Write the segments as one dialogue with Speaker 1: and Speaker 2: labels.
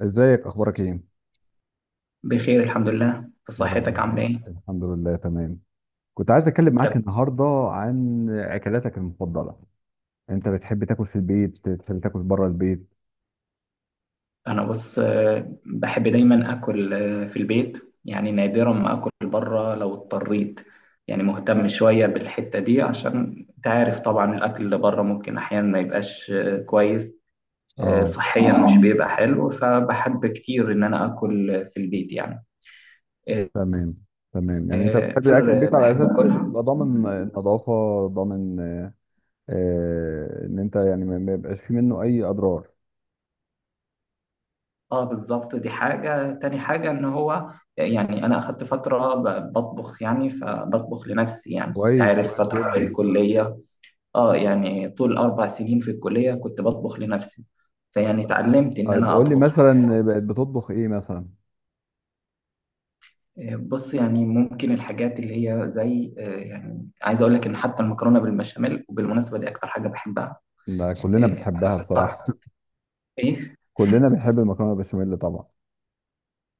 Speaker 1: ازيك اخبارك ايه؟
Speaker 2: بخير الحمد لله، انت
Speaker 1: يا
Speaker 2: صحتك
Speaker 1: رب
Speaker 2: عامله ايه؟
Speaker 1: الحمد لله تمام. كنت عايز اتكلم معاك
Speaker 2: وبتاكل.
Speaker 1: النهارده عن اكلاتك المفضله. انت بتحب تاكل في البيت، بتحب تاكل بره البيت؟
Speaker 2: انا بص آه، بحب دايما اكل في البيت، يعني نادرا ما اكل بره لو اضطريت. يعني مهتم شويه بالحته دي، عشان انت عارف طبعا الاكل اللي بره ممكن احيانا ما يبقاش كويس.
Speaker 1: اه،
Speaker 2: صحيا مش بيبقى حلو، فبحب كتير ان انا اكل في البيت يعني. آه،
Speaker 1: تمام تمام. يعني انت بتحب اكل
Speaker 2: كتير
Speaker 1: البيت على
Speaker 2: بحب
Speaker 1: اساس
Speaker 2: اكلها.
Speaker 1: بتبقى ضامن النظافه، ضامن. ان انت يعني ما يبقاش في منه اي اضرار.
Speaker 2: اه بالظبط، دي حاجة. تاني حاجة ان هو يعني انا اخدت فترة بطبخ يعني، فبطبخ لنفسي يعني،
Speaker 1: كويس،
Speaker 2: تعرف
Speaker 1: كويس
Speaker 2: فترة
Speaker 1: جدا.
Speaker 2: الكلية. اه يعني طول 4 سنين في الكلية كنت بطبخ لنفسي. فيعني اتعلمت ان
Speaker 1: طيب
Speaker 2: انا
Speaker 1: قول لي
Speaker 2: اطبخ حاجات.
Speaker 1: مثلا بقت بتطبخ ايه مثلا؟
Speaker 2: بص يعني ممكن الحاجات اللي هي زي يعني عايز اقول لك ان حتى المكرونة بالبشاميل، وبالمناسبة دي اكتر حاجة بحبها.
Speaker 1: ده كلنا
Speaker 2: آه،
Speaker 1: بنحبها بصراحه.
Speaker 2: بقى- ايه.
Speaker 1: كلنا بنحب المكرونه البشاميل طبعا.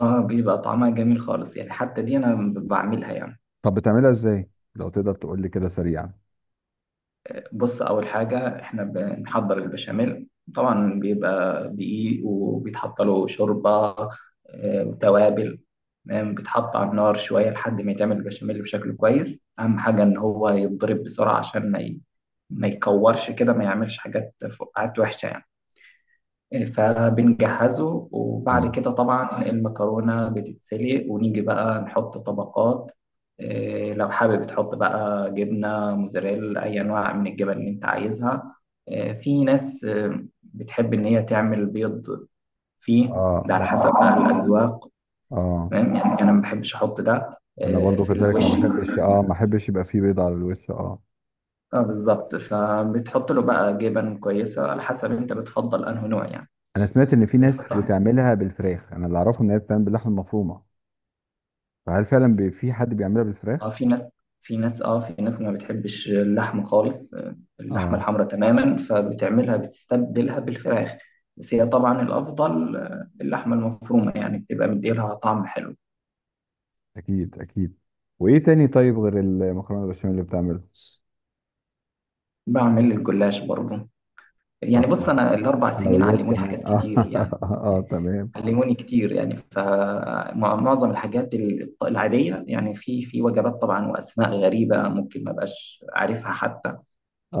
Speaker 2: اه بيبقى طعمها جميل خالص يعني، حتى دي انا بعملها يعني.
Speaker 1: طب بتعملها ازاي لو تقدر تقول لي كده سريعا؟
Speaker 2: بص اول حاجه احنا بنحضر البشاميل، طبعا بيبقى دقيق وبيتحط له شوربه وتوابل. تمام. بيتحط على النار شويه لحد ما يتعمل البشاميل بشكل كويس، اهم حاجه ان هو يتضرب بسرعه عشان ما يكورش كده، ما يعملش حاجات فقاعات وحشه يعني. فبنجهزه وبعد
Speaker 1: تمام.
Speaker 2: كده طبعا المكرونة بتتسلق، ونيجي بقى نحط طبقات. لو حابب تحط بقى جبنة موزاريلا، أي أنواع من الجبن اللي أنت عايزها. في ناس بتحب إن هي تعمل بيض فيه.
Speaker 1: اه،
Speaker 2: ده على
Speaker 1: اه،
Speaker 2: حسب بقى الأذواق.
Speaker 1: اه.
Speaker 2: تمام. يعني أنا ما بحبش أحط ده
Speaker 1: انا برضو
Speaker 2: في
Speaker 1: كذلك،
Speaker 2: الوش.
Speaker 1: ما بحبش، اه، ما بحبش يبقى فيه بيض على الوش، اه.
Speaker 2: اه بالظبط، فبتحط له بقى جبن كويسة على حسب أنت بتفضل أنه نوع يعني.
Speaker 1: انا سمعت ان في ناس
Speaker 2: بتحطها.
Speaker 1: بتعملها بالفراخ، انا اللي اعرفه ان هي بتعمل باللحمه المفرومه، فهل فعلا في حد بيعملها
Speaker 2: اه
Speaker 1: بالفراخ؟
Speaker 2: في ناس، في ناس ما بتحبش اللحمة خالص اللحمة
Speaker 1: اه.
Speaker 2: الحمراء تماما، فبتعملها بتستبدلها بالفراخ. بس هي طبعا الأفضل اللحمة المفرومة يعني، بتبقى مديلها طعم حلو.
Speaker 1: اكيد اكيد. وايه تاني طيب غير المكرونه البشاميل اللي بتعمله؟
Speaker 2: بعمل الجلاش برضه. يعني
Speaker 1: طب
Speaker 2: بص
Speaker 1: كويس،
Speaker 2: أنا الأربع سنين
Speaker 1: حلويات
Speaker 2: علموني
Speaker 1: كمان
Speaker 2: حاجات
Speaker 1: اه.
Speaker 2: كتير يعني.
Speaker 1: اه، تمام،
Speaker 2: علموني كتير يعني، فمعظم الحاجات العادية يعني، في وجبات طبعا، وأسماء غريبة ممكن ما بقاش عارفها حتى.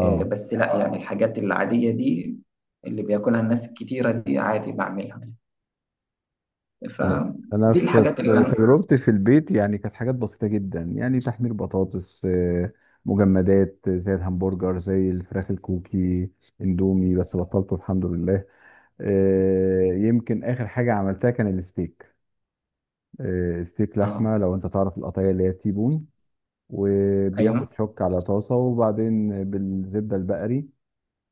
Speaker 2: بس لا يعني الحاجات العادية دي، اللي بياكلها الناس الكتيرة دي عادي بعملها.
Speaker 1: ماشي. انا
Speaker 2: فدي
Speaker 1: في
Speaker 2: الحاجات اللي أنا.
Speaker 1: تجربتي في البيت يعني كانت حاجات بسيطه جدا، يعني تحمير بطاطس، مجمدات، زي الهمبرجر، زي الفراخ الكوكي، اندومي بس بطلته الحمد لله. يمكن اخر حاجه عملتها كان الستيك. ستيك
Speaker 2: آه.
Speaker 1: لحمه، لو انت تعرف القطعيه اللي هي تيبون،
Speaker 2: أيوه.
Speaker 1: وبياخد شوك على طاسه وبعدين بالزبده البقري،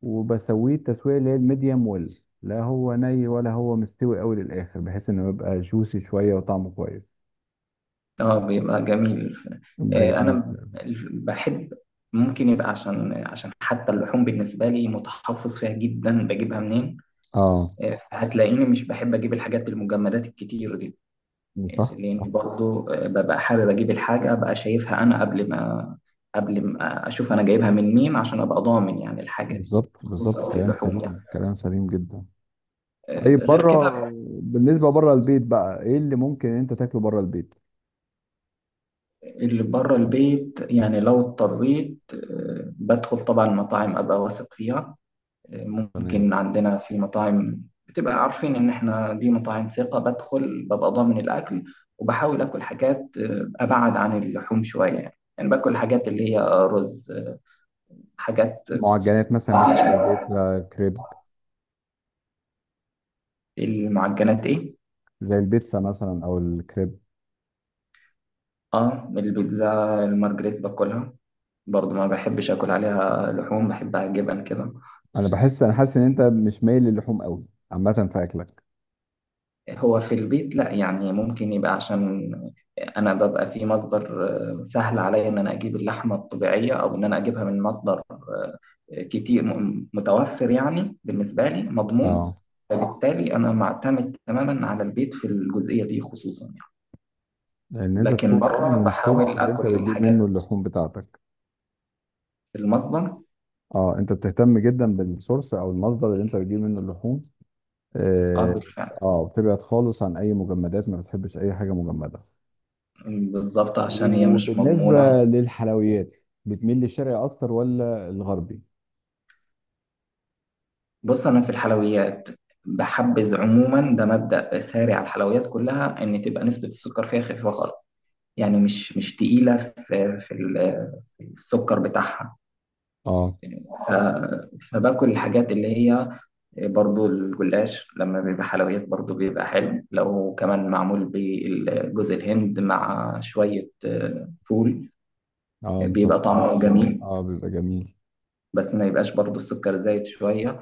Speaker 1: وبسويه التسويه اللي هي الميديم ويل، لا هو ني ولا هو مستوي قوي للاخر، بحيث انه يبقى جوسي شويه وطعمه كويس.
Speaker 2: آه بيبقى جميل
Speaker 1: ده
Speaker 2: أنا
Speaker 1: جميل.
Speaker 2: بحب. ممكن يبقى عشان حتى اللحوم بالنسبة لي متحفظ فيها جدا، بجيبها منين.
Speaker 1: اه،
Speaker 2: هتلاقيني مش بحب أجيب الحاجات المجمدات الكتير دي،
Speaker 1: صح صح.
Speaker 2: لأن برضو ببقى حابب أجيب الحاجة أبقى شايفها أنا قبل ما. أشوف أنا جايبها من مين عشان أبقى ضامن يعني الحاجة دي.
Speaker 1: بالظبط بالظبط،
Speaker 2: خصوصا في
Speaker 1: كلام
Speaker 2: اللحوم يعني.
Speaker 1: سليم، كلام سليم جدا. طيب
Speaker 2: غير
Speaker 1: بره،
Speaker 2: كده.
Speaker 1: بالنسبه بره البيت بقى ايه اللي ممكن انت تاكله بره البيت؟
Speaker 2: اللي بره البيت يعني لو اضطريت بدخل طبعا المطاعم أبقى واثق فيها. ممكن
Speaker 1: تمام.
Speaker 2: عندنا في مطاعم بتبقى عارفين إن إحنا دي مطاعم ثقة، بدخل ببقى ضامن الأكل. وبحاول آكل حاجات أبعد عن اللحوم شوية يعني، باكل حاجات اللي هي رز حاجات.
Speaker 1: معجنات مثلا، ممكن
Speaker 2: مفيش.
Speaker 1: زي البيتزا، كريب،
Speaker 2: المعجنات ايه.
Speaker 1: زي البيتزا مثلا او الكريب.
Speaker 2: اه البيتزا المارجريت باكلها، برضو ما بحبش اكل عليها لحوم، بحبها جبن كده.
Speaker 1: انا بحس، انا حاسس ان انت مش مايل للحوم قوي عامه في اكلك.
Speaker 2: هو في البيت لا يعني ممكن يبقى عشان انا ببقى في مصدر سهل عليا ان انا اجيب اللحمه الطبيعيه، او ان انا اجيبها من مصدر كتير متوفر يعني، بالنسبه لي مضمون.
Speaker 1: اه،
Speaker 2: فبالتالي انا معتمد تماما على البيت في الجزئيه دي خصوصا يعني.
Speaker 1: لان انت
Speaker 2: لكن
Speaker 1: تكون
Speaker 2: بره
Speaker 1: ضامن السورس
Speaker 2: بحاول
Speaker 1: اللي انت
Speaker 2: اكل
Speaker 1: بتجيب منه
Speaker 2: الحاجات
Speaker 1: اللحوم بتاعتك.
Speaker 2: في المصدر.
Speaker 1: اه، انت بتهتم جدا بالسورس او المصدر اللي انت بتجيب منه اللحوم.
Speaker 2: اه
Speaker 1: اه.
Speaker 2: بالفعل.
Speaker 1: بتبعد خالص عن اي مجمدات، ما بتحبش اي حاجه مجمده.
Speaker 2: بالظبط عشان هي مش
Speaker 1: وبالنسبه
Speaker 2: مضمونة.
Speaker 1: للحلويات بتميل للشرقي اكتر ولا الغربي؟
Speaker 2: بص أنا في الحلويات بحبذ عموما، ده مبدأ ساري على الحلويات كلها، إن تبقى نسبة السكر فيها خفيفة خالص. يعني مش تقيلة في في السكر بتاعها.
Speaker 1: اه.
Speaker 2: ف فباكل الحاجات اللي هي. برضو الجلاش لما بيبقى حلويات، برضو بيبقى حلو لو كمان معمول بالجوز الهند مع شوية فول.
Speaker 1: اه،
Speaker 2: بيبقى
Speaker 1: مكسرات
Speaker 2: طعمه
Speaker 1: مثلا،
Speaker 2: جميل،
Speaker 1: اه بيبقى جميل.
Speaker 2: بس ما يبقاش برضو السكر زايد شوية.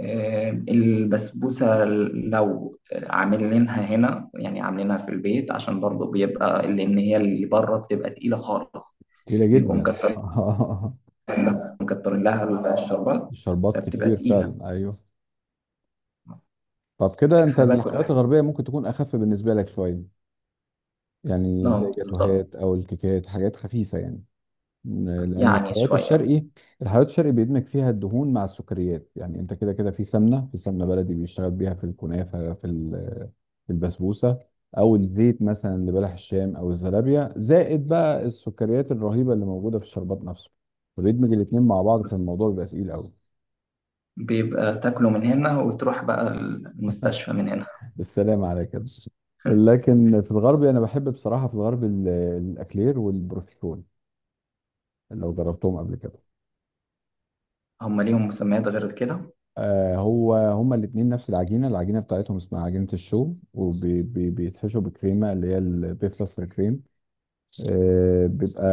Speaker 2: البسبوسة لو عاملينها هنا يعني، عاملينها في البيت عشان برضو بيبقى. لأن هي اللي بره بتبقى تقيلة خالص،
Speaker 1: كتيره
Speaker 2: بيبقوا
Speaker 1: جدا.
Speaker 2: مكترين
Speaker 1: آه.
Speaker 2: لها، مكترين لها الشربات،
Speaker 1: الشربات
Speaker 2: فبتبقى
Speaker 1: كتير
Speaker 2: تقيلة.
Speaker 1: فعلا ايوه. طب كده انت
Speaker 2: فباكل
Speaker 1: الحلويات
Speaker 2: أحب.
Speaker 1: الغربيه ممكن تكون اخف بالنسبه لك شويه، يعني زي
Speaker 2: اه بالظبط،
Speaker 1: جاتوهات او الكيكات، حاجات خفيفه يعني. لان
Speaker 2: يعني
Speaker 1: الحلويات
Speaker 2: شوية.
Speaker 1: الشرقي، الحلويات الشرقي بيدمج فيها الدهون مع السكريات، يعني انت كده كده في سمنه، في سمنه بلدي بيشتغل بيها في الكنافه، في في البسبوسه، او الزيت مثلا اللي بلح الشام او الزلابيه، زائد بقى السكريات الرهيبه اللي موجوده في الشربات نفسه، فبيدمج الاثنين مع بعض فالموضوع بيبقى تقيل قوي.
Speaker 2: بيبقى تاكله من هنا وتروح بقى المستشفى من هنا.
Speaker 1: بالسلامه على كده. لكن في الغرب انا بحب بصراحه، في الغرب الاكلير والبروفيترول، لو جربتهم قبل كده.
Speaker 2: هم ليهم مسميات غير كده.
Speaker 1: هو هما الاثنين نفس العجينه، العجينه بتاعتهم اسمها عجينه الشو، وبيتحشوا بكريمه اللي هي البيفلستر كريم، بيبقى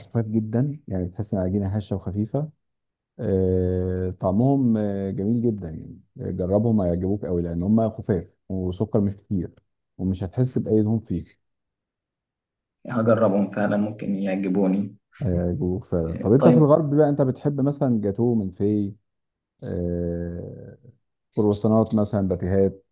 Speaker 1: خفيف جدا يعني، بتحس ان العجينه هشه وخفيفه، طعمهم جميل جدا يعني. جربهم هيعجبوك قوي، لان هما خفاف وسكر مش كتير ومش هتحس باي دهون فيه.
Speaker 2: هجربهم فعلا، ممكن يعجبوني.
Speaker 1: هيعجبوك فعلا. طب انت في
Speaker 2: طيب.
Speaker 1: الغرب بقى انت بتحب مثلا جاتوه من في، آه، كرواسونات مثلا، باتيهات؟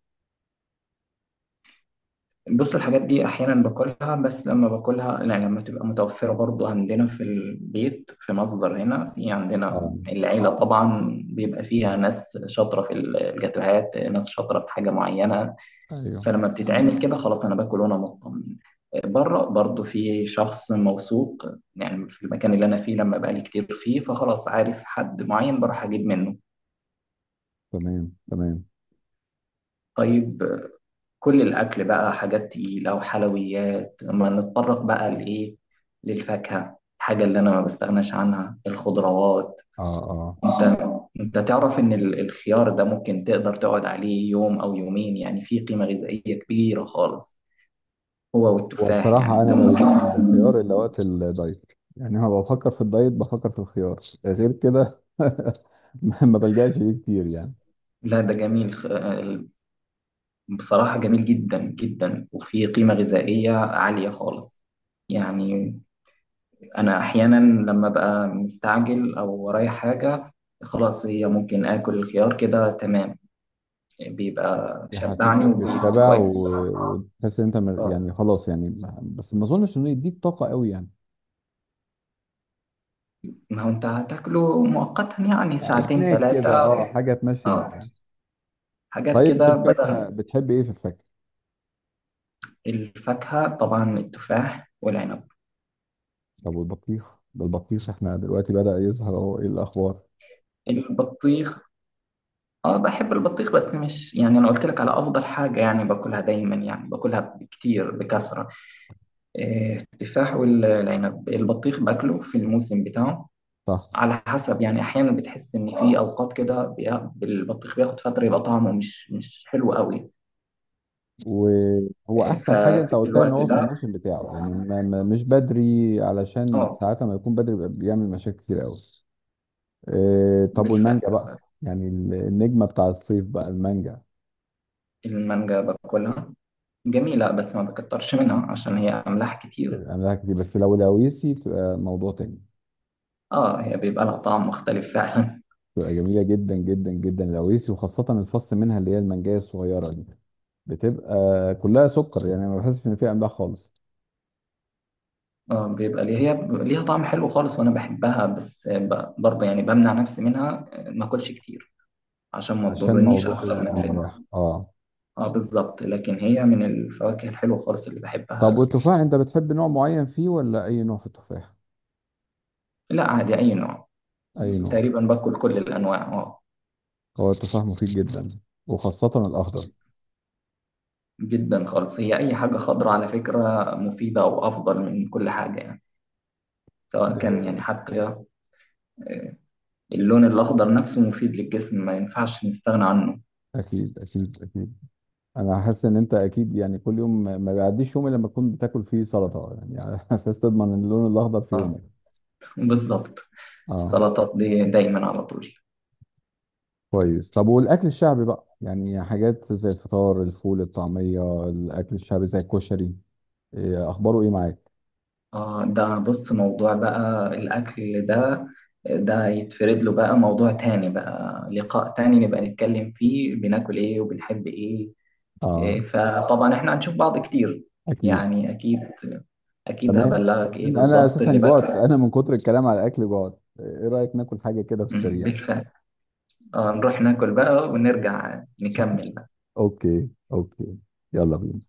Speaker 2: بص الحاجات دي احيانا باكلها، بس لما باكلها يعني لما تبقى متوفره برضو عندنا في البيت في مصدر. هنا في عندنا
Speaker 1: اه،
Speaker 2: العيله طبعا بيبقى فيها ناس شاطره في الجاتوهات، ناس شاطره في حاجه معينه.
Speaker 1: ايوه.
Speaker 2: فلما بتتعمل كده خلاص انا باكل وانا مطمن. بره برضو في شخص موثوق يعني في المكان اللي انا فيه، لما بقالي كتير فيه فخلاص عارف حد معين بروح اجيب منه.
Speaker 1: تمام تمام.
Speaker 2: طيب. كل الأكل بقى حاجات تقيلة وحلويات، ما نتطرق بقى لإيه؟ للفاكهة، الحاجة اللي أنا ما بستغناش عنها الخضروات.
Speaker 1: اه، اه.
Speaker 2: أنت أنت تعرف إن الخيار ده ممكن تقدر تقعد عليه يوم أو يومين، يعني فيه قيمة غذائية كبيرة خالص. هو والتفاح، يعني
Speaker 1: وبصراحة
Speaker 2: أنت
Speaker 1: أنا ما
Speaker 2: ممكن.
Speaker 1: باجيش عند الخيار إلا وقت الدايت، يعني أنا بفكر في الدايت بفكر في الخيار، غير كده ما بلجأش ليه كتير يعني.
Speaker 2: لا ده جميل بصراحة جميل جدا جدا، وفيه قيمة غذائية عالية خالص يعني. انا احيانا لما ببقى مستعجل او ورايا حاجه خلاص، هي ممكن اكل الخيار كده تمام، بيبقى شبعني
Speaker 1: يحسسك
Speaker 2: وبيت
Speaker 1: بالشبع
Speaker 2: كويس.
Speaker 1: وتحس إن أنت
Speaker 2: اه
Speaker 1: يعني خلاص يعني بس ما أظنش إنه يديك طاقة قوي يعني.
Speaker 2: ما هو انت هتاكله مؤقتا، يعني ساعتين
Speaker 1: سناك
Speaker 2: ثلاثه.
Speaker 1: كده، أه، حاجة تمشي
Speaker 2: اه
Speaker 1: الدنيا.
Speaker 2: حاجات
Speaker 1: طيب في
Speaker 2: كده
Speaker 1: الفاكهة
Speaker 2: بدل.
Speaker 1: بتحب إيه في الفاكهة؟
Speaker 2: الفاكهه طبعا التفاح والعنب
Speaker 1: طب والبطيخ؟ ده البطيخ إحنا دلوقتي بدأ يظهر أهو، إيه الأخبار؟
Speaker 2: البطيخ. اه بحب البطيخ بس مش يعني، انا قلت لك على افضل حاجه يعني باكلها دايما، يعني باكلها بكتير بكثره. التفاح والعنب. البطيخ باكله في الموسم بتاعه،
Speaker 1: صح.
Speaker 2: على حسب يعني. احيانا بتحس ان في اوقات كده البطيخ بياخد فتره يبقى طعمه مش حلو قوي.
Speaker 1: وهو احسن حاجه انت
Speaker 2: ففي
Speaker 1: قلتها ان
Speaker 2: الوقت
Speaker 1: هو في
Speaker 2: ده.
Speaker 1: الموسم بتاعه، يعني مش بدري، علشان
Speaker 2: اه
Speaker 1: ساعات ما يكون بدري بيبقى بيعمل مشاكل كتير قوي. إيه طب والمانجا
Speaker 2: بالفعل.
Speaker 1: بقى، يعني النجمه بتاع الصيف بقى المانجا.
Speaker 2: المانجا باكلها جميله، بس ما بكترش منها عشان هي املاح كتير.
Speaker 1: عملها كتير بس لو لاويسي تبقى موضوع تاني.
Speaker 2: اه هي بيبقى لها طعم مختلف فعلا.
Speaker 1: تبقى جميله جدا جدا جدا لاويسي، وخاصه الفص منها اللي هي المانجايه الصغيره دي، بتبقى كلها سكر يعني ما بحسش ان فيها املاح خالص.
Speaker 2: اه بيبقى ليه، هي ليها طعم حلو خالص وانا بحبها، بس برضه يعني بمنع نفسي منها ما اكلش كتير عشان ما
Speaker 1: عشان
Speaker 2: تضرنيش
Speaker 1: موضوع
Speaker 2: اكتر ما تفيدني.
Speaker 1: الاملاح اه.
Speaker 2: اه بالظبط، لكن هي من الفواكه الحلوه خالص اللي
Speaker 1: طب
Speaker 2: بحبها.
Speaker 1: والتفاح انت بتحب نوع معين فيه ولا اي نوع في التفاح؟
Speaker 2: لا عادي أي نوع.
Speaker 1: اي نوع.
Speaker 2: تقريبا باكل كل الأنواع اه.
Speaker 1: هو التفاح مفيد جدا، وخاصة الأخضر.
Speaker 2: جدا خالص، هي أي حاجة خضراء على فكرة مفيدة، وأفضل من كل حاجة يعني. سواء كان يعني، حتى آه، اللون الأخضر نفسه مفيد للجسم، ما ينفعش نستغنى عنه.
Speaker 1: أكيد أكيد أكيد. أنا حاسس إن أنت أكيد يعني كل يوم ما بيعديش يوم إلا لما تكون بتاكل فيه سلطة، يعني على أساس تضمن اللون الأخضر في
Speaker 2: اه
Speaker 1: يومك.
Speaker 2: بالظبط.
Speaker 1: أه،
Speaker 2: السلطات دي دايما على طول.
Speaker 1: كويس. طب والأكل الشعبي بقى، يعني حاجات زي الفطار، الفول، الطعمية، الأكل الشعبي زي الكشري، إيه أخباره إيه معاك؟
Speaker 2: اه ده بص موضوع بقى الأكل ده، ده يتفرد له بقى موضوع تاني، بقى لقاء تاني نبقى نتكلم فيه بناكل ايه وبنحب ايه.
Speaker 1: أه.
Speaker 2: فطبعا احنا هنشوف بعض كتير
Speaker 1: أكيد.
Speaker 2: يعني، اكيد. اكيد
Speaker 1: تمام.
Speaker 2: هبلغك
Speaker 1: طب
Speaker 2: ايه
Speaker 1: أنا
Speaker 2: بالظبط
Speaker 1: أساسا
Speaker 2: اللي
Speaker 1: جوعت،
Speaker 2: بقى.
Speaker 1: أنا من كتر الكلام على الأكل جوعت، إيه رأيك ناكل حاجة كده في السريع؟
Speaker 2: بالفعل. اه نروح ناكل بقى ونرجع نكمل.
Speaker 1: أوكي أوكي، يلا بينا.